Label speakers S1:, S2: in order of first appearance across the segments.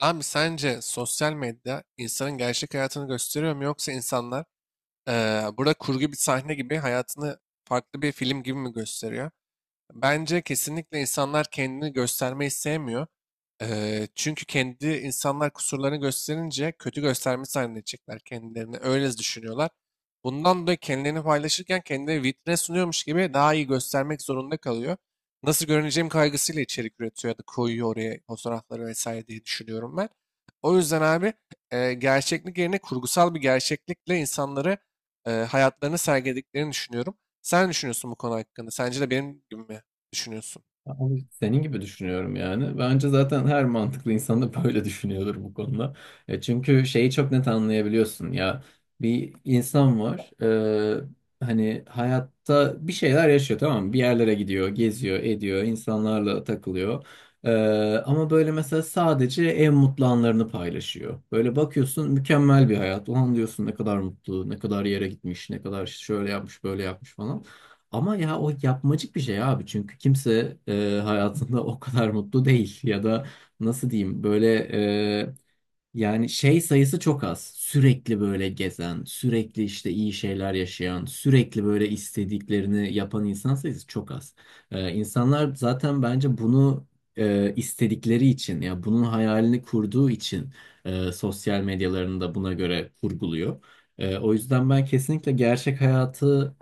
S1: Abi sence sosyal medya insanın gerçek hayatını gösteriyor mu yoksa insanlar burada kurgu bir sahne gibi hayatını farklı bir film gibi mi gösteriyor? Bence kesinlikle insanlar kendini göstermeyi sevmiyor. Çünkü kendi insanlar kusurlarını gösterince kötü göstermiş zannedecekler kendilerini. Öyle düşünüyorlar. Bundan dolayı kendilerini paylaşırken kendini vitrine sunuyormuş gibi daha iyi göstermek zorunda kalıyor. Nasıl görüneceğim kaygısıyla içerik üretiyor ya da koyuyor oraya fotoğrafları vesaire diye düşünüyorum ben. O yüzden abi gerçeklik yerine kurgusal bir gerçeklikle insanları hayatlarını sergilediklerini düşünüyorum. Sen ne düşünüyorsun bu konu hakkında? Sence de benim gibi mi düşünüyorsun?
S2: Abi senin gibi düşünüyorum yani. Bence zaten her mantıklı insan da böyle düşünüyordur bu konuda. Çünkü şeyi çok net anlayabiliyorsun ya. Bir insan var. e, Hani hayatta bir şeyler yaşıyor, tamam mı? Bir yerlere gidiyor, geziyor, ediyor, insanlarla takılıyor. E, Ama böyle mesela sadece en mutlu anlarını paylaşıyor. Böyle bakıyorsun, mükemmel bir hayat. Ulan diyorsun ne kadar mutlu, ne kadar yere gitmiş, ne kadar şöyle yapmış, böyle yapmış falan. Ama ya o yapmacık bir şey abi, çünkü kimse hayatında o kadar mutlu değil, ya da nasıl diyeyim, böyle yani şey sayısı çok az. Sürekli böyle gezen, sürekli işte iyi şeyler yaşayan, sürekli böyle istediklerini yapan insan sayısı çok az. İnsanlar zaten bence bunu istedikleri için, ya bunun hayalini kurduğu için sosyal medyalarını da buna göre kurguluyor. O yüzden ben kesinlikle gerçek hayatı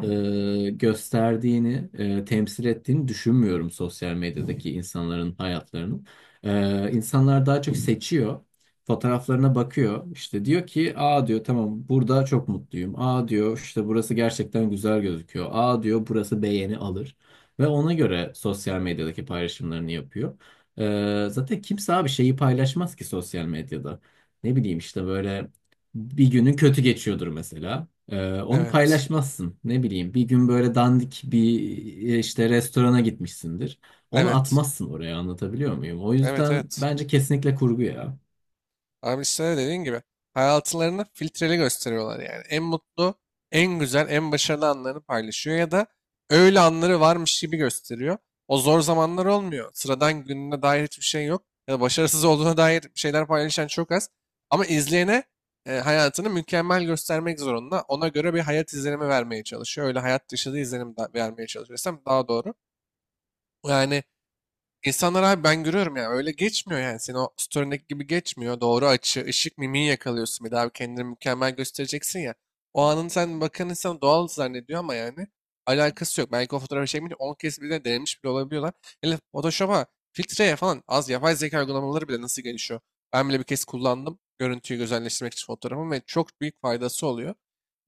S2: gösterdiğini, temsil ettiğini düşünmüyorum sosyal medyadaki insanların hayatlarının. İnsanlar daha çok seçiyor, fotoğraflarına bakıyor. İşte diyor ki, aa diyor tamam, burada çok mutluyum. Aa diyor işte, burası gerçekten güzel gözüküyor. Aa diyor, burası beğeni alır. Ve ona göre sosyal medyadaki paylaşımlarını yapıyor. Zaten kimse abi şeyi paylaşmaz ki sosyal medyada. Ne bileyim işte böyle bir günün kötü geçiyordur mesela. Onu
S1: Evet.
S2: paylaşmazsın. Ne bileyim bir gün böyle dandik bir işte restorana gitmişsindir. Onu
S1: Evet.
S2: atmazsın oraya, anlatabiliyor muyum? O
S1: Evet,
S2: yüzden
S1: evet.
S2: bence kesinlikle kurgu ya.
S1: Abi işte dediğin gibi hayatlarını filtreli gösteriyorlar yani. En mutlu, en güzel, en başarılı anlarını paylaşıyor ya da öyle anları varmış gibi gösteriyor. O zor zamanlar olmuyor. Sıradan gününe dair hiçbir şey yok. Ya da başarısız olduğuna dair şeyler paylaşan çok az. Ama izleyene hayatını mükemmel göstermek zorunda. Ona göre bir hayat izlenimi vermeye çalışıyor. Öyle hayat dışı da vermeye çalışıyor desem daha doğru. Yani İnsanlar abi ben görüyorum ya öyle geçmiyor yani. Senin o story'ndeki gibi geçmiyor. Doğru açı, ışık, mimiği yakalıyorsun. Bir daha kendini mükemmel göstereceksin ya. O anın sen bakan insan doğal zannediyor ama yani alakası yok. Belki o fotoğrafı çekmeyince 10 kez bile denemiş bile olabiliyorlar. Hele Photoshop'a, filtreye falan az yapay zeka uygulamaları bile nasıl gelişiyor. Ben bile bir kez kullandım görüntüyü güzelleştirmek için fotoğrafımı ve çok büyük faydası oluyor.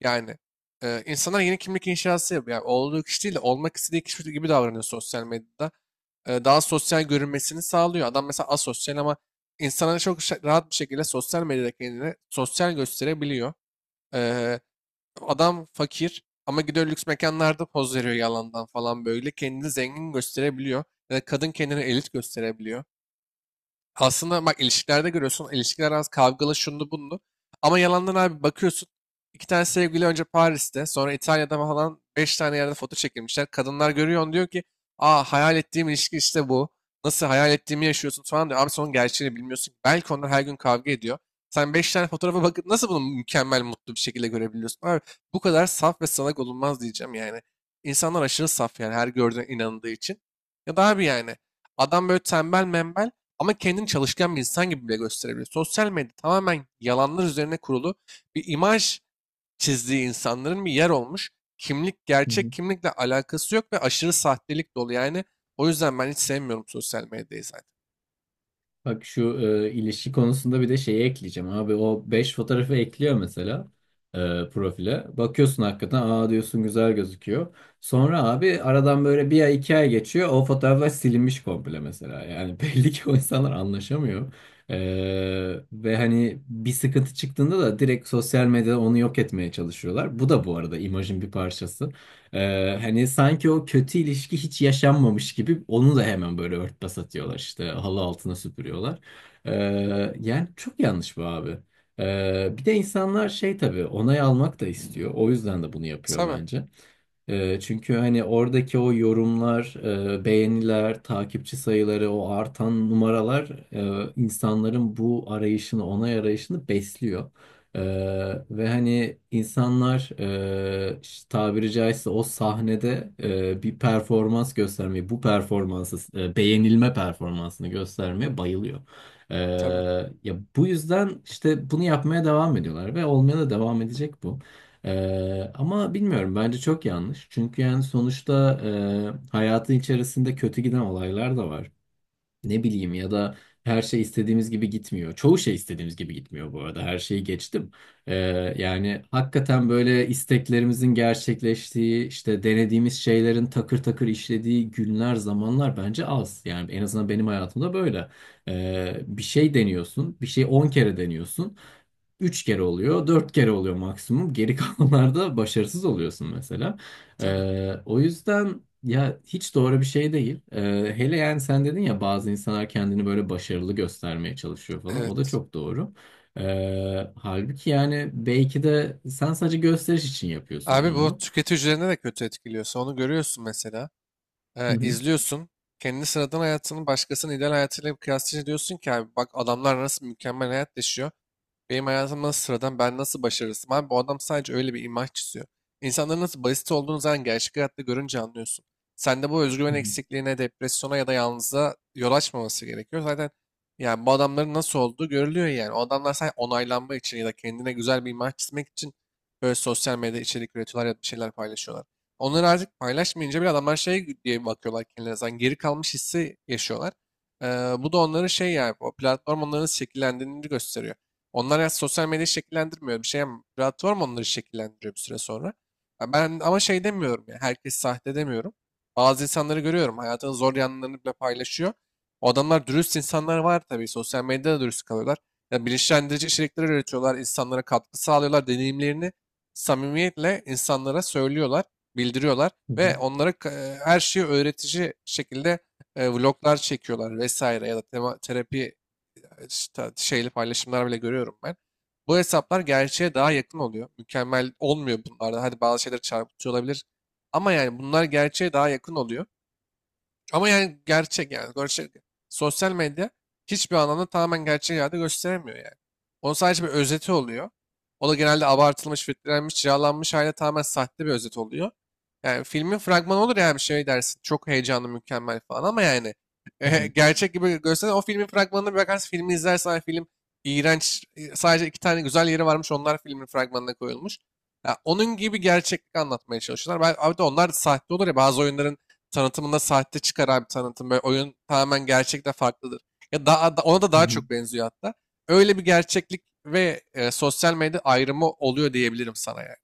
S1: Yani insanlar yeni kimlik inşası yapıyor. Yani olduğu kişi değil de olmak istediği kişi gibi davranıyor sosyal medyada, daha sosyal görünmesini sağlıyor. Adam mesela asosyal ama insana çok rahat bir şekilde sosyal medyada kendini sosyal gösterebiliyor. Eee, Adam fakir ama gidiyor lüks mekanlarda poz veriyor yalandan falan böyle. Kendini zengin gösterebiliyor. Ya da kadın kendini elit gösterebiliyor. Aslında bak ilişkilerde görüyorsun. İlişkiler az kavgalı şunlu bunlu. Ama yalandan abi bakıyorsun. İki tane sevgili önce Paris'te sonra İtalya'da falan beş tane yerde foto çekilmişler. Kadınlar görüyor diyor ki aa hayal ettiğim ilişki işte bu. Nasıl hayal ettiğimi yaşıyorsun falan diyor. Abi sonun gerçeğini bilmiyorsun. Belki onlar her gün kavga ediyor. Sen beş tane fotoğrafa bakıp nasıl bunu mükemmel mutlu bir şekilde görebiliyorsun? Abi bu kadar saf ve salak olunmaz diyeceğim yani. İnsanlar aşırı saf yani her gördüğüne inandığı için. Ya da abi yani adam böyle tembel membel ama kendini çalışkan bir insan gibi bile gösterebiliyor. Sosyal medya tamamen yalanlar üzerine kurulu bir imaj çizdiği insanların bir yer olmuş. Kimlik, gerçek kimlikle alakası yok ve aşırı sahtelik dolu. Yani o yüzden ben hiç sevmiyorum sosyal medyayı zaten.
S2: Bak şu ilişki konusunda bir de şeyi ekleyeceğim abi. O 5 fotoğrafı ekliyor mesela e, profile. Bakıyorsun hakikaten, aa diyorsun güzel gözüküyor. Sonra abi aradan böyle bir ay iki ay geçiyor. O fotoğraflar silinmiş komple mesela. Yani belli ki o insanlar anlaşamıyor. E, Ve hani bir sıkıntı çıktığında da direkt sosyal medyada onu yok etmeye çalışıyorlar. Bu da bu arada imajın bir parçası. Hani sanki o kötü ilişki hiç yaşanmamış gibi onu da hemen böyle örtbas atıyorlar, işte halı altına süpürüyorlar. Ee, Yani çok yanlış bu abi. Bir de insanlar şey tabii, onay almak da istiyor. O yüzden de bunu yapıyor
S1: Tabii,
S2: bence. Çünkü hani oradaki o yorumlar, beğeniler, takipçi sayıları, o artan numaralar insanların bu arayışını, onay arayışını besliyor. Ee, Ve hani insanlar işte tabiri caizse o sahnede bir performans göstermeyi, bu performansı, beğenilme performansını göstermeye bayılıyor. Ee,
S1: tabii,
S2: Ya bu yüzden işte bunu yapmaya devam ediyorlar ve olmaya da devam edecek bu. Ama bilmiyorum, bence çok yanlış. Çünkü yani sonuçta hayatın içerisinde kötü giden olaylar da var, ne bileyim, ya da her şey istediğimiz gibi gitmiyor. Çoğu şey istediğimiz gibi gitmiyor bu arada. Her şeyi geçtim. Ee, Yani hakikaten böyle isteklerimizin gerçekleştiği, işte denediğimiz şeylerin takır takır işlediği günler, zamanlar bence az. Yani en azından benim hayatımda böyle. Bir şey deniyorsun, bir şey 10 kere deniyorsun. 3 kere oluyor, 4 kere oluyor maksimum. Geri kalanlarda başarısız oluyorsun mesela.
S1: tabii.
S2: O yüzden ya hiç doğru bir şey değil. Hele yani sen dedin ya, bazı insanlar kendini böyle başarılı göstermeye çalışıyor falan. O da
S1: Evet.
S2: çok doğru. Halbuki yani belki de sen sadece gösteriş için yapıyorsun hani
S1: Abi bu
S2: onu.
S1: tüketici üzerine de kötü etkiliyorsa onu görüyorsun mesela.
S2: Hı hı.
S1: İzliyorsun. Kendi sıradan hayatını başkasının ideal hayatıyla kıyaslayınca diyorsun ki abi bak adamlar nasıl mükemmel hayat yaşıyor. Benim hayatım nasıl sıradan, ben nasıl başarısızım? Abi bu adam sadece öyle bir imaj çiziyor. İnsanların nasıl basit olduğunu zaten gerçek hayatta görünce anlıyorsun. Sende bu
S2: Hı
S1: özgüven
S2: hı.
S1: eksikliğine, depresyona ya da yalnızlığa yol açmaması gerekiyor. Zaten yani bu adamların nasıl olduğu görülüyor yani. O adamlar sadece onaylanma için ya da kendine güzel bir imaj çizmek için böyle sosyal medyada içerik üretiyorlar ya da bir şeyler paylaşıyorlar. Onları artık paylaşmayınca bile adamlar şey diye bakıyorlar kendilerine. Zaten geri kalmış hissi yaşıyorlar. Ee, Bu da onların şey yani o platform onların şekillendiğini gösteriyor. Onlar ya sosyal medyayı şekillendirmiyor. Platform onları şekillendiriyor bir süre sonra. Ya ben ama şey demiyorum ya. Herkes sahte demiyorum. Bazı insanları görüyorum. Hayatının zor yanlarını bile paylaşıyor. O adamlar dürüst insanlar var tabii. Sosyal medyada da dürüst kalıyorlar. Ya bilinçlendirici içerikler üretiyorlar. İnsanlara katkı sağlıyorlar. Deneyimlerini samimiyetle insanlara söylüyorlar. Bildiriyorlar.
S2: Hı hı.
S1: Ve onlara her şeyi öğretici şekilde vloglar çekiyorlar vesaire ya da terapi işte şeyli paylaşımlar bile görüyorum ben. Bu hesaplar gerçeğe daha yakın oluyor. Mükemmel olmuyor bunlarda. Hadi bazı şeyler çarpıtıyor olabilir. Ama yani bunlar gerçeğe daha yakın oluyor. Ama yani gerçek yani. Gerçek. Sosyal medya hiçbir anlamda tamamen gerçek hayatı gösteremiyor yani. Onun sadece bir özeti oluyor. O da genelde abartılmış, filtrelenmiş, cilalanmış haliyle tamamen sahte bir özet oluyor. Yani filmin fragmanı olur ya bir şey dersin. Çok heyecanlı, mükemmel falan ama yani
S2: Hı hı.
S1: gerçek gibi gösteren o filmin fragmanına bir bakarsın. Filmi izlersen hani film iğrenç. Sadece iki tane güzel yeri varmış. Onlar filmin fragmanına koyulmuş. Ya onun gibi gerçeklik anlatmaya çalışıyorlar. Ben, abi de onlar da sahte olur ya bazı oyunların tanıtımında sahte çıkaran bir tanıtım. Böyle oyun tamamen gerçekten farklıdır. Ya ona da
S2: Hı
S1: daha
S2: hı.
S1: çok benziyor hatta. Öyle bir gerçeklik ve sosyal medya ayrımı oluyor diyebilirim sana yani.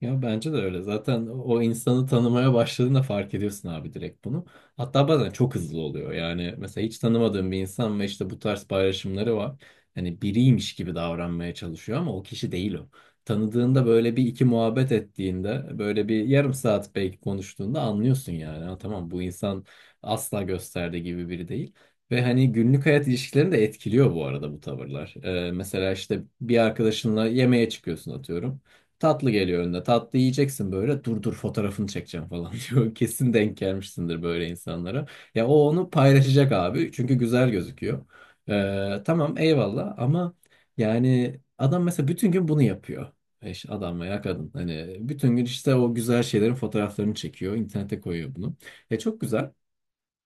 S2: Ya bence de öyle. Zaten o insanı tanımaya başladığında fark ediyorsun abi direkt bunu. Hatta bazen çok hızlı oluyor. Yani mesela hiç tanımadığın bir insan ve işte bu tarz paylaşımları var. Hani biriymiş gibi davranmaya çalışıyor ama o kişi değil o. Tanıdığında böyle bir iki muhabbet ettiğinde, böyle bir yarım saat belki konuştuğunda anlıyorsun yani. Ha, tamam, bu insan asla gösterdiği gibi biri değil. Ve hani günlük hayat ilişkilerini de etkiliyor bu arada bu tavırlar. Mesela işte bir arkadaşınla yemeğe çıkıyorsun atıyorum. Tatlı geliyor önüne. Tatlı yiyeceksin böyle. Dur dur, fotoğrafını çekeceğim falan diyor. Kesin denk gelmişsindir böyle insanlara. Ya o onu paylaşacak abi. Çünkü güzel gözüküyor. Tamam eyvallah ama yani adam mesela bütün gün bunu yapıyor. Eş, adam veya kadın. Hani bütün gün işte o güzel şeylerin fotoğraflarını çekiyor. İnternete koyuyor bunu. E çok güzel.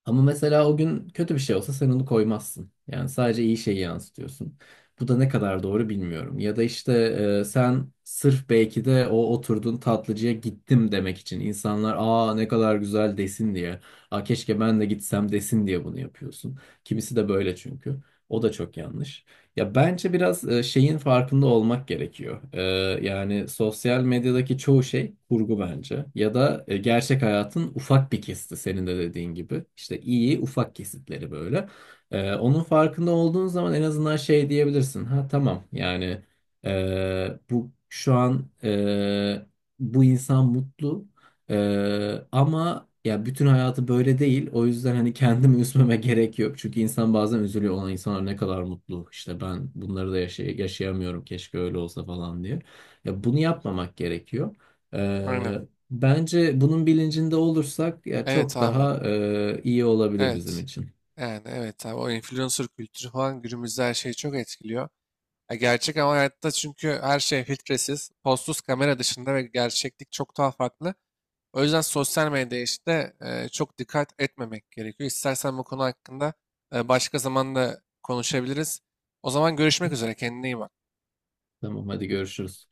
S2: Ama mesela o gün kötü bir şey olsa sen onu koymazsın. Yani sadece iyi şeyi yansıtıyorsun. Bu da ne kadar doğru bilmiyorum. Ya da işte sen sırf belki de o oturduğun tatlıcıya gittim demek için, insanlar aa ne kadar güzel desin diye, aa keşke ben de gitsem desin diye bunu yapıyorsun. Kimisi de böyle çünkü. O da çok yanlış. Ya bence biraz şeyin farkında olmak gerekiyor. Yani sosyal medyadaki çoğu şey kurgu bence. Ya da gerçek hayatın ufak bir kesiti, senin de dediğin gibi. İşte iyi ufak kesitleri böyle. Onun farkında olduğun zaman en azından şey diyebilirsin. Ha tamam yani bu şu an bu insan mutlu. Ama ya bütün hayatı böyle değil. O yüzden hani kendimi üzmeme gerek yok. Çünkü insan bazen üzülüyor. Olan insanlar ne kadar mutlu. İşte ben bunları da yaşayamıyorum. Keşke öyle olsa falan diye. Ya bunu yapmamak gerekiyor. Ee,
S1: Aynen.
S2: Bence bunun bilincinde olursak ya
S1: Evet
S2: çok
S1: abi.
S2: daha iyi olabilir bizim
S1: Evet.
S2: için.
S1: Yani evet abi o influencer kültürü falan günümüzde her şeyi çok etkiliyor. Ya gerçek ama hayatta çünkü her şey filtresiz, postsuz kamera dışında ve gerçeklik çok daha farklı. O yüzden sosyal medyaya işte çok dikkat etmemek gerekiyor. İstersen bu konu hakkında başka zaman da konuşabiliriz. O zaman görüşmek üzere. Kendine iyi bak.
S2: Tamam, hadi görüşürüz.